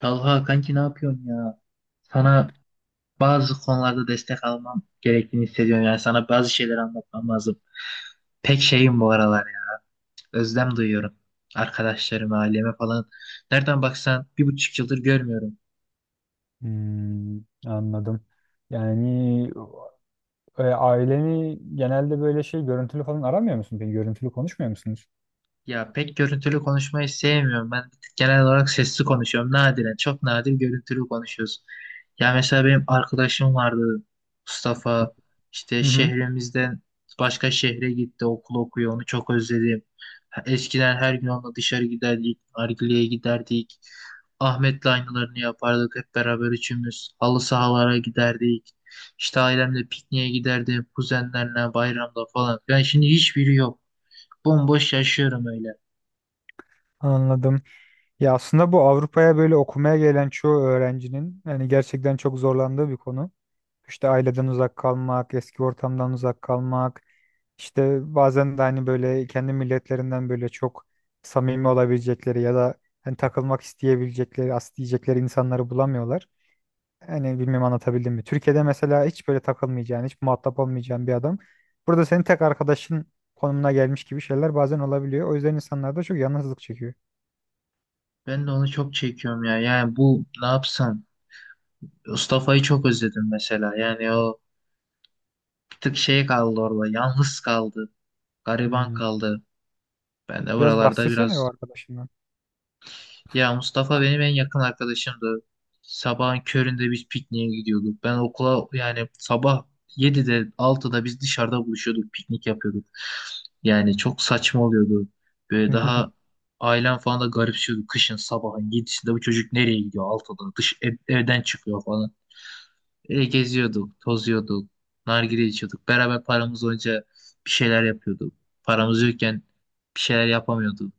Talha kanki ne yapıyorsun ya? Sana bazı konularda destek almam gerektiğini hissediyorum. Yani sana bazı şeyler anlatmam lazım. Pek şeyim bu aralar ya. Özlem duyuyorum. Arkadaşlarıma, aileme falan. Nereden baksan 1,5 yıldır görmüyorum. Hmm, anladım. Yani aileni genelde böyle şey görüntülü falan aramıyor musun? Peki görüntülü konuşmuyor musunuz? Ya pek görüntülü konuşmayı sevmiyorum. Ben genel olarak sesli konuşuyorum. Nadiren, çok nadir görüntülü konuşuyoruz. Ya mesela benim arkadaşım vardı Mustafa. İşte Hı hı, şehrimizden başka şehre gitti, okul okuyor. Onu çok özledim. Ha, eskiden her gün onunla dışarı giderdik, nargileye giderdik. Ahmet'le aynılarını yapardık hep beraber üçümüz. Halı sahalara giderdik. İşte ailemle pikniğe giderdim, kuzenlerle bayramda falan. Yani şimdi hiçbiri yok. Bomboş yaşıyorum öyle. anladım. Ya aslında bu Avrupa'ya böyle okumaya gelen çoğu öğrencinin yani gerçekten çok zorlandığı bir konu. İşte aileden uzak kalmak, eski ortamdan uzak kalmak, işte bazen de hani böyle kendi milletlerinden böyle çok samimi olabilecekleri ya da hani takılmak isteyebilecekleri, as diyecekleri insanları bulamıyorlar. Yani bilmem anlatabildim mi? Türkiye'de mesela hiç böyle takılmayacağın, hiç muhatap olmayacağın bir adam. Burada senin tek arkadaşın konumuna gelmiş gibi şeyler bazen olabiliyor. O yüzden insanlar da çok yalnızlık çekiyor. Ben de onu çok çekiyorum ya. Yani bu ne yapsam? Mustafa'yı çok özledim mesela. Yani o bir tık şey kaldı orada. Yalnız kaldı. Gariban Hmm. kaldı. Ben de Biraz buralarda bahsetsene o biraz... arkadaşından. Ya Mustafa benim en yakın arkadaşımdı. Sabahın köründe biz pikniğe gidiyorduk. Ben okula yani sabah 7'de 6'da biz dışarıda buluşuyorduk. Piknik yapıyorduk. Yani çok saçma oluyordu. Böyle Hı hı, daha ailem falan da garipsiyordu. Kışın sabahın 7'sinde bu çocuk nereye gidiyor 6'da evden çıkıyor falan. Geziyorduk, tozuyorduk, nargile içiyorduk. Beraber paramız olunca bir şeyler yapıyorduk. Paramız yokken bir şeyler yapamıyorduk.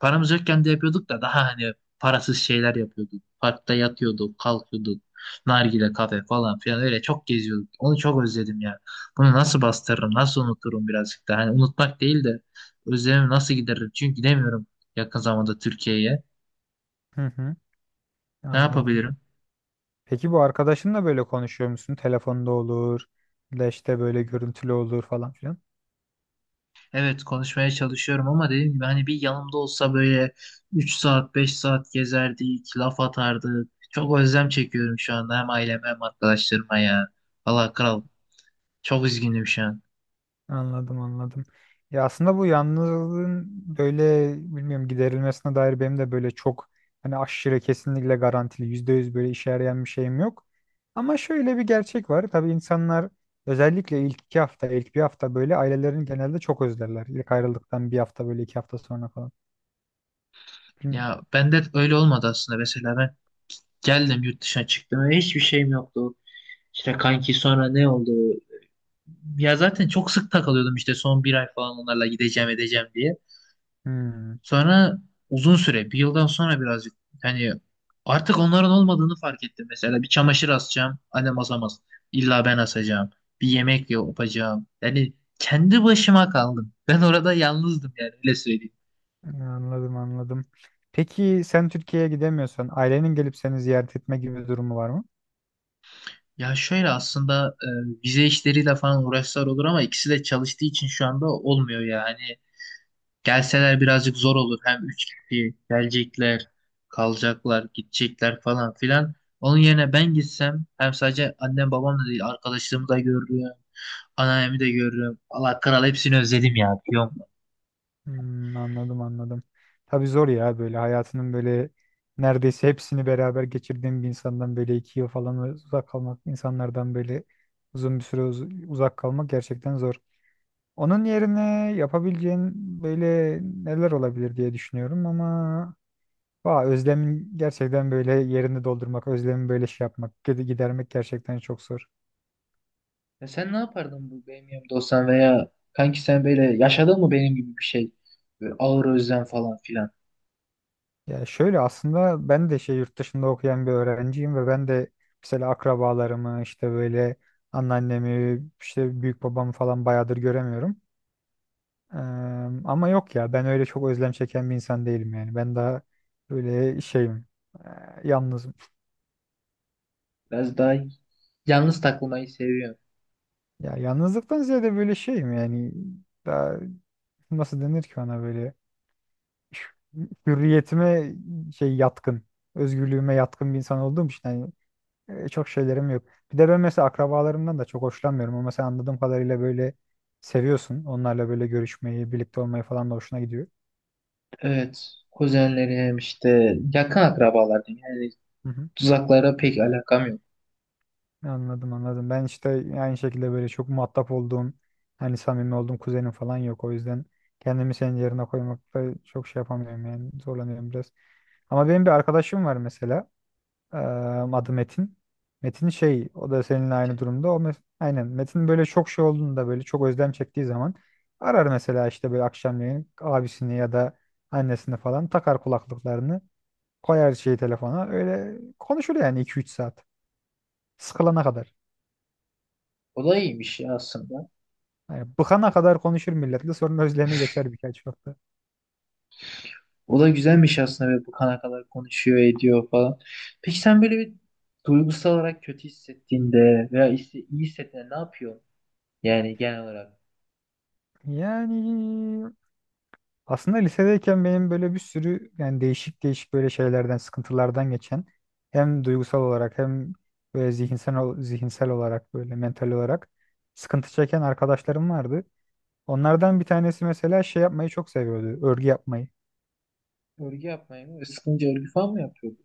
Paramız yokken de yapıyorduk da daha hani parasız şeyler yapıyorduk. Parkta yatıyorduk, kalkıyorduk. Nargile kafe falan filan öyle çok geziyorduk. Onu çok özledim ya. Bunu nasıl bastırırım, nasıl unuturum birazcık da. Hani unutmak değil de özlemimi nasıl gideririm? Çünkü gidemiyorum yakın zamanda Türkiye'ye. hı hı, Ne anladım. yapabilirim? Peki bu arkadaşınla böyle konuşuyor musun? Telefonda olur, ya da işte böyle görüntülü olur falan filan. Evet, konuşmaya çalışıyorum ama dediğim gibi hani bir yanımda olsa böyle 3 saat 5 saat gezerdik, laf atardık. Çok özlem çekiyorum şu anda hem aileme hem arkadaşlarıma ya. Valla kral çok üzgünüm şu an. Anladım, anladım. Ya aslında bu yalnızlığın böyle bilmiyorum giderilmesine dair benim de böyle çok hani aşırı kesinlikle garantili yüzde yüz böyle işe yarayan bir şeyim yok. Ama şöyle bir gerçek var. Tabii insanlar özellikle ilk 2 hafta ilk bir hafta böyle ailelerini genelde çok özlerler. İlk ayrıldıktan bir hafta böyle 2 hafta sonra falan. Hmm, Ya bende öyle olmadı aslında, mesela ben geldim yurt dışına çıktım ve hiçbir şeyim yoktu. İşte kanki sonra ne oldu? Ya zaten çok sık takılıyordum işte son bir ay falan onlarla gideceğim edeceğim diye. hmm. Sonra uzun süre, bir yıldan sonra birazcık hani artık onların olmadığını fark ettim. Mesela bir çamaşır asacağım, annem asamaz. İlla ben asacağım. Bir yemek yapacağım. Yani kendi başıma kaldım. Ben orada yalnızdım yani öyle söyleyeyim. Anladım, anladım. Peki sen Türkiye'ye gidemiyorsan ailenin gelip seni ziyaret etme gibi bir durumu var mı? Ya şöyle aslında vize işleriyle falan uğraşlar olur ama ikisi de çalıştığı için şu anda olmuyor yani. Gelseler birazcık zor olur. Hem üç kişi gelecekler, kalacaklar, gidecekler falan filan. Onun yerine ben gitsem hem sadece annem babam da değil arkadaşlarımı da görürüm. Anneannemi de görürüm. Allah kral hepsini özledim ya, biliyor musun? Hmm, anladım anladım. Tabii zor ya, böyle hayatının böyle neredeyse hepsini beraber geçirdiğim bir insandan böyle 2 yıl falan uzak kalmak, insanlardan böyle uzun bir süre uzak kalmak gerçekten zor. Onun yerine yapabileceğin böyle neler olabilir diye düşünüyorum ama özlemin gerçekten böyle yerini doldurmak, özlemi böyle şey yapmak, gidermek gerçekten çok zor. Ya sen ne yapardın bu benim yanımda olsan, veya kanki sen böyle yaşadın mı benim gibi bir şey? Böyle ağır özlem falan filan. Ya şöyle aslında ben de şey yurt dışında okuyan bir öğrenciyim ve ben de mesela akrabalarımı işte böyle anneannemi işte büyük babamı falan bayağıdır göremiyorum. Eee, ama yok ya ben öyle çok özlem çeken bir insan değilim yani. Ben daha böyle şeyim eee, yalnızım. Biraz daha yalnız takılmayı seviyorum. Ya yalnızlıktan ziyade böyle şeyim yani daha nasıl denir ki ona böyle hürriyetime şey yatkın özgürlüğüme yatkın bir insan olduğum için hani çok şeylerim yok. Bir de ben mesela akrabalarımdan da çok hoşlanmıyorum ama sen anladığım kadarıyla böyle seviyorsun. Onlarla böyle görüşmeyi, birlikte olmayı falan da hoşuna gidiyor. Evet. Kuzenlerim işte yakın akrabalar diyeyim. Yani Hı hı. uzaklara pek alakam yok. Anladım, anladım. Ben işte aynı şekilde böyle çok muhatap olduğum, hani samimi olduğum kuzenim falan yok. O yüzden kendimi senin yerine koymakta çok şey yapamıyorum yani zorlanıyorum biraz. Ama benim bir arkadaşım var mesela. Ee, adı Metin. Metin şey o da seninle aynı durumda. Aynen Metin böyle çok şey olduğunda böyle çok özlem çektiği zaman arar mesela işte böyle akşamleyin abisini ya da annesini falan, takar kulaklıklarını, koyar şeyi telefona, öyle konuşur yani 2-3 saat sıkılana kadar. O da iyiymiş ya aslında. Yani bıkana kadar konuşur milletle, sonra özlemi geçer birkaç hafta. O da güzelmiş aslında ve bu kana kadar konuşuyor ediyor falan. Peki sen böyle bir duygusal olarak kötü hissettiğinde veya işte iyi hissettiğinde ne yapıyorsun? Yani genel olarak Yani aslında lisedeyken benim böyle bir sürü yani değişik değişik böyle şeylerden, sıkıntılardan geçen hem duygusal olarak hem böyle zihinsel zihinsel olarak böyle mental olarak sıkıntı çeken arkadaşlarım vardı. Onlardan bir tanesi mesela şey yapmayı çok seviyordu, örgü yapmayı. örgü yapmayı mı? Sıkınca örgü falan mı yapıyordu?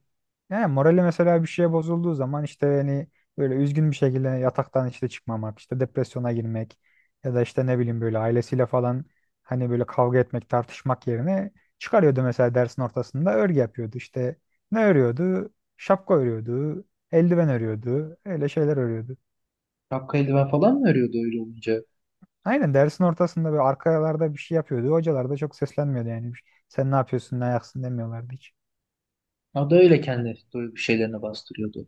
Yani morali mesela bir şeye bozulduğu zaman işte hani böyle üzgün bir şekilde yataktan işte çıkmamak, işte depresyona girmek ya da işte ne bileyim böyle ailesiyle falan hani böyle kavga etmek, tartışmak yerine çıkarıyordu mesela dersin ortasında örgü yapıyordu. İşte ne örüyordu? Şapka örüyordu, eldiven örüyordu, öyle şeyler örüyordu. Şapka eldiven falan mı örüyordu öyle olunca? Aynen dersin ortasında böyle arkalarda bir şey yapıyordu. Hocalar da çok seslenmiyordu yani. Sen ne yapıyorsun, ne ayaksın demiyorlardı hiç. O da öyle kendi duygu şeylerini bastırıyordu.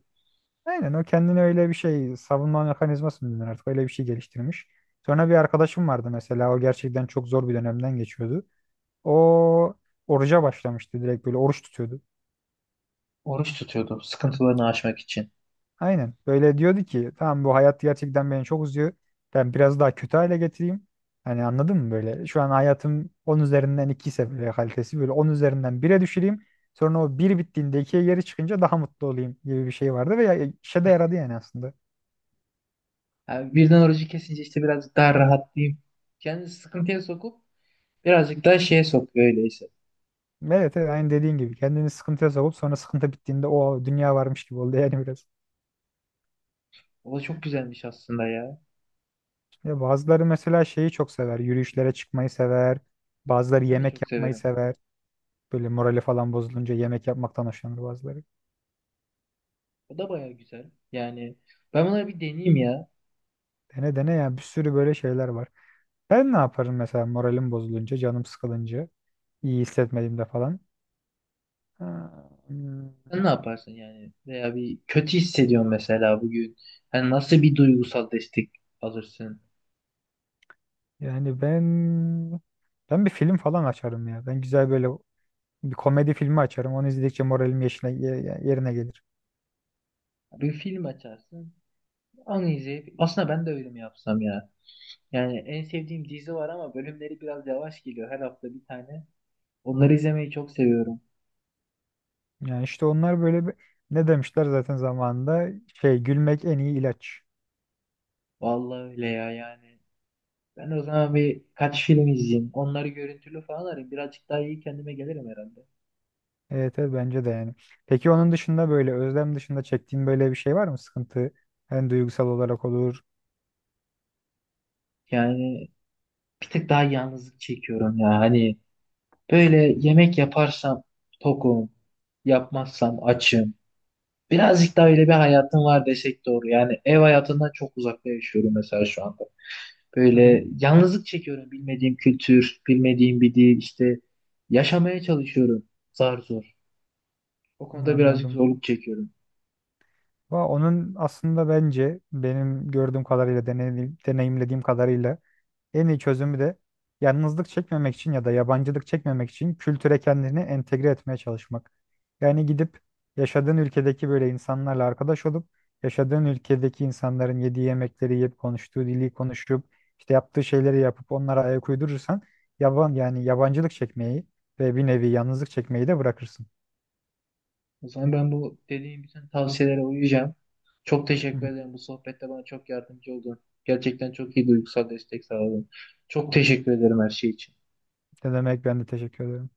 Aynen o kendine öyle bir şey savunma mekanizması mı denir artık öyle bir şey geliştirmiş. Sonra bir arkadaşım vardı mesela, o gerçekten çok zor bir dönemden geçiyordu. O oruca başlamıştı, direkt böyle oruç tutuyordu. Oruç tutuyordu sıkıntılarını aşmak için. Aynen böyle diyordu ki tamam bu hayat gerçekten beni çok uzuyor. Ben biraz daha kötü hale getireyim. Hani anladın mı böyle şu an hayatım 10 üzerinden 2 ise böyle kalitesi böyle 10 üzerinden 1'e düşüreyim. Sonra o bir bittiğinde ikiye geri çıkınca daha mutlu olayım gibi bir şey vardı ve işe de yaradı yani aslında. Yani birden orucu kesince işte birazcık daha rahatlayayım. Kendini sıkıntıya sokup birazcık daha şeye sokuyor öyleyse. Evet, evet aynı dediğin gibi kendini sıkıntıya sokup sonra sıkıntı bittiğinde o dünya varmış gibi oldu yani biraz. O da çok güzelmiş aslında ya. Ya bazıları mesela şeyi çok sever. Yürüyüşlere çıkmayı sever. Ya Bazıları ben de yemek çok yapmayı severim. sever. Böyle morali falan bozulunca yemek yapmaktan hoşlanır bazıları. O da baya güzel. Yani ben bunları bir deneyeyim ya. Dene dene ya, bir sürü böyle şeyler var. Ben ne yaparım mesela moralim bozulunca, canım sıkılınca, iyi hissetmediğimde falan. Ha, hmm, Sen ne yaparsın yani? Veya bir kötü hissediyorsun mesela bugün. Yani nasıl bir duygusal destek alırsın? Yani ben bir film falan açarım ya. Ben güzel böyle bir komedi filmi açarım. Onu izledikçe moralim yerine gelir. Bir film açarsın. Onu izleyip. Aslında ben de öyle mi yapsam ya? Yani en sevdiğim dizi var ama bölümleri biraz yavaş geliyor. Her hafta bir tane. Onları izlemeyi çok seviyorum. Yani işte onlar böyle bir, ne demişler zaten zamanında şey gülmek en iyi ilaç. Vallahi öyle ya yani. Ben o zaman bir kaç film izleyeyim. Onları görüntülü falan arayayım. Birazcık daha iyi kendime gelirim herhalde. Evet, evet bence de yani. Peki onun dışında böyle özlem dışında çektiğin böyle bir şey var mı? Sıkıntı yani duygusal olarak olur. Yani bir tık daha yalnızlık çekiyorum ya. Hani böyle yemek yaparsam tokum, yapmazsam açım. Birazcık daha öyle bir hayatım var desek doğru. Yani ev hayatından çok uzakta yaşıyorum mesela şu anda. Hı hı, Böyle yalnızlık çekiyorum. Bilmediğim kültür, bilmediğim bir dil işte yaşamaya çalışıyorum zar zor. O konuda birazcık anladım. zorluk çekiyorum. Onun aslında bence benim gördüğüm kadarıyla deneyimlediğim kadarıyla en iyi çözümü de yalnızlık çekmemek için ya da yabancılık çekmemek için kültüre kendini entegre etmeye çalışmak. Yani gidip yaşadığın ülkedeki böyle insanlarla arkadaş olup yaşadığın ülkedeki insanların yediği yemekleri yiyip konuştuğu dili konuşup işte yaptığı şeyleri yapıp onlara ayak uydurursan yaban yani yabancılık çekmeyi ve bir nevi yalnızlık çekmeyi de bırakırsın. O zaman ben bu dediğim bütün tavsiyelere uyacağım. Çok Hı teşekkür hı. ederim. Bu sohbette bana çok yardımcı oldun. Gerçekten çok iyi duygusal destek sağladın. Çok teşekkür ederim her şey için. Ne demek, ben de teşekkür ederim.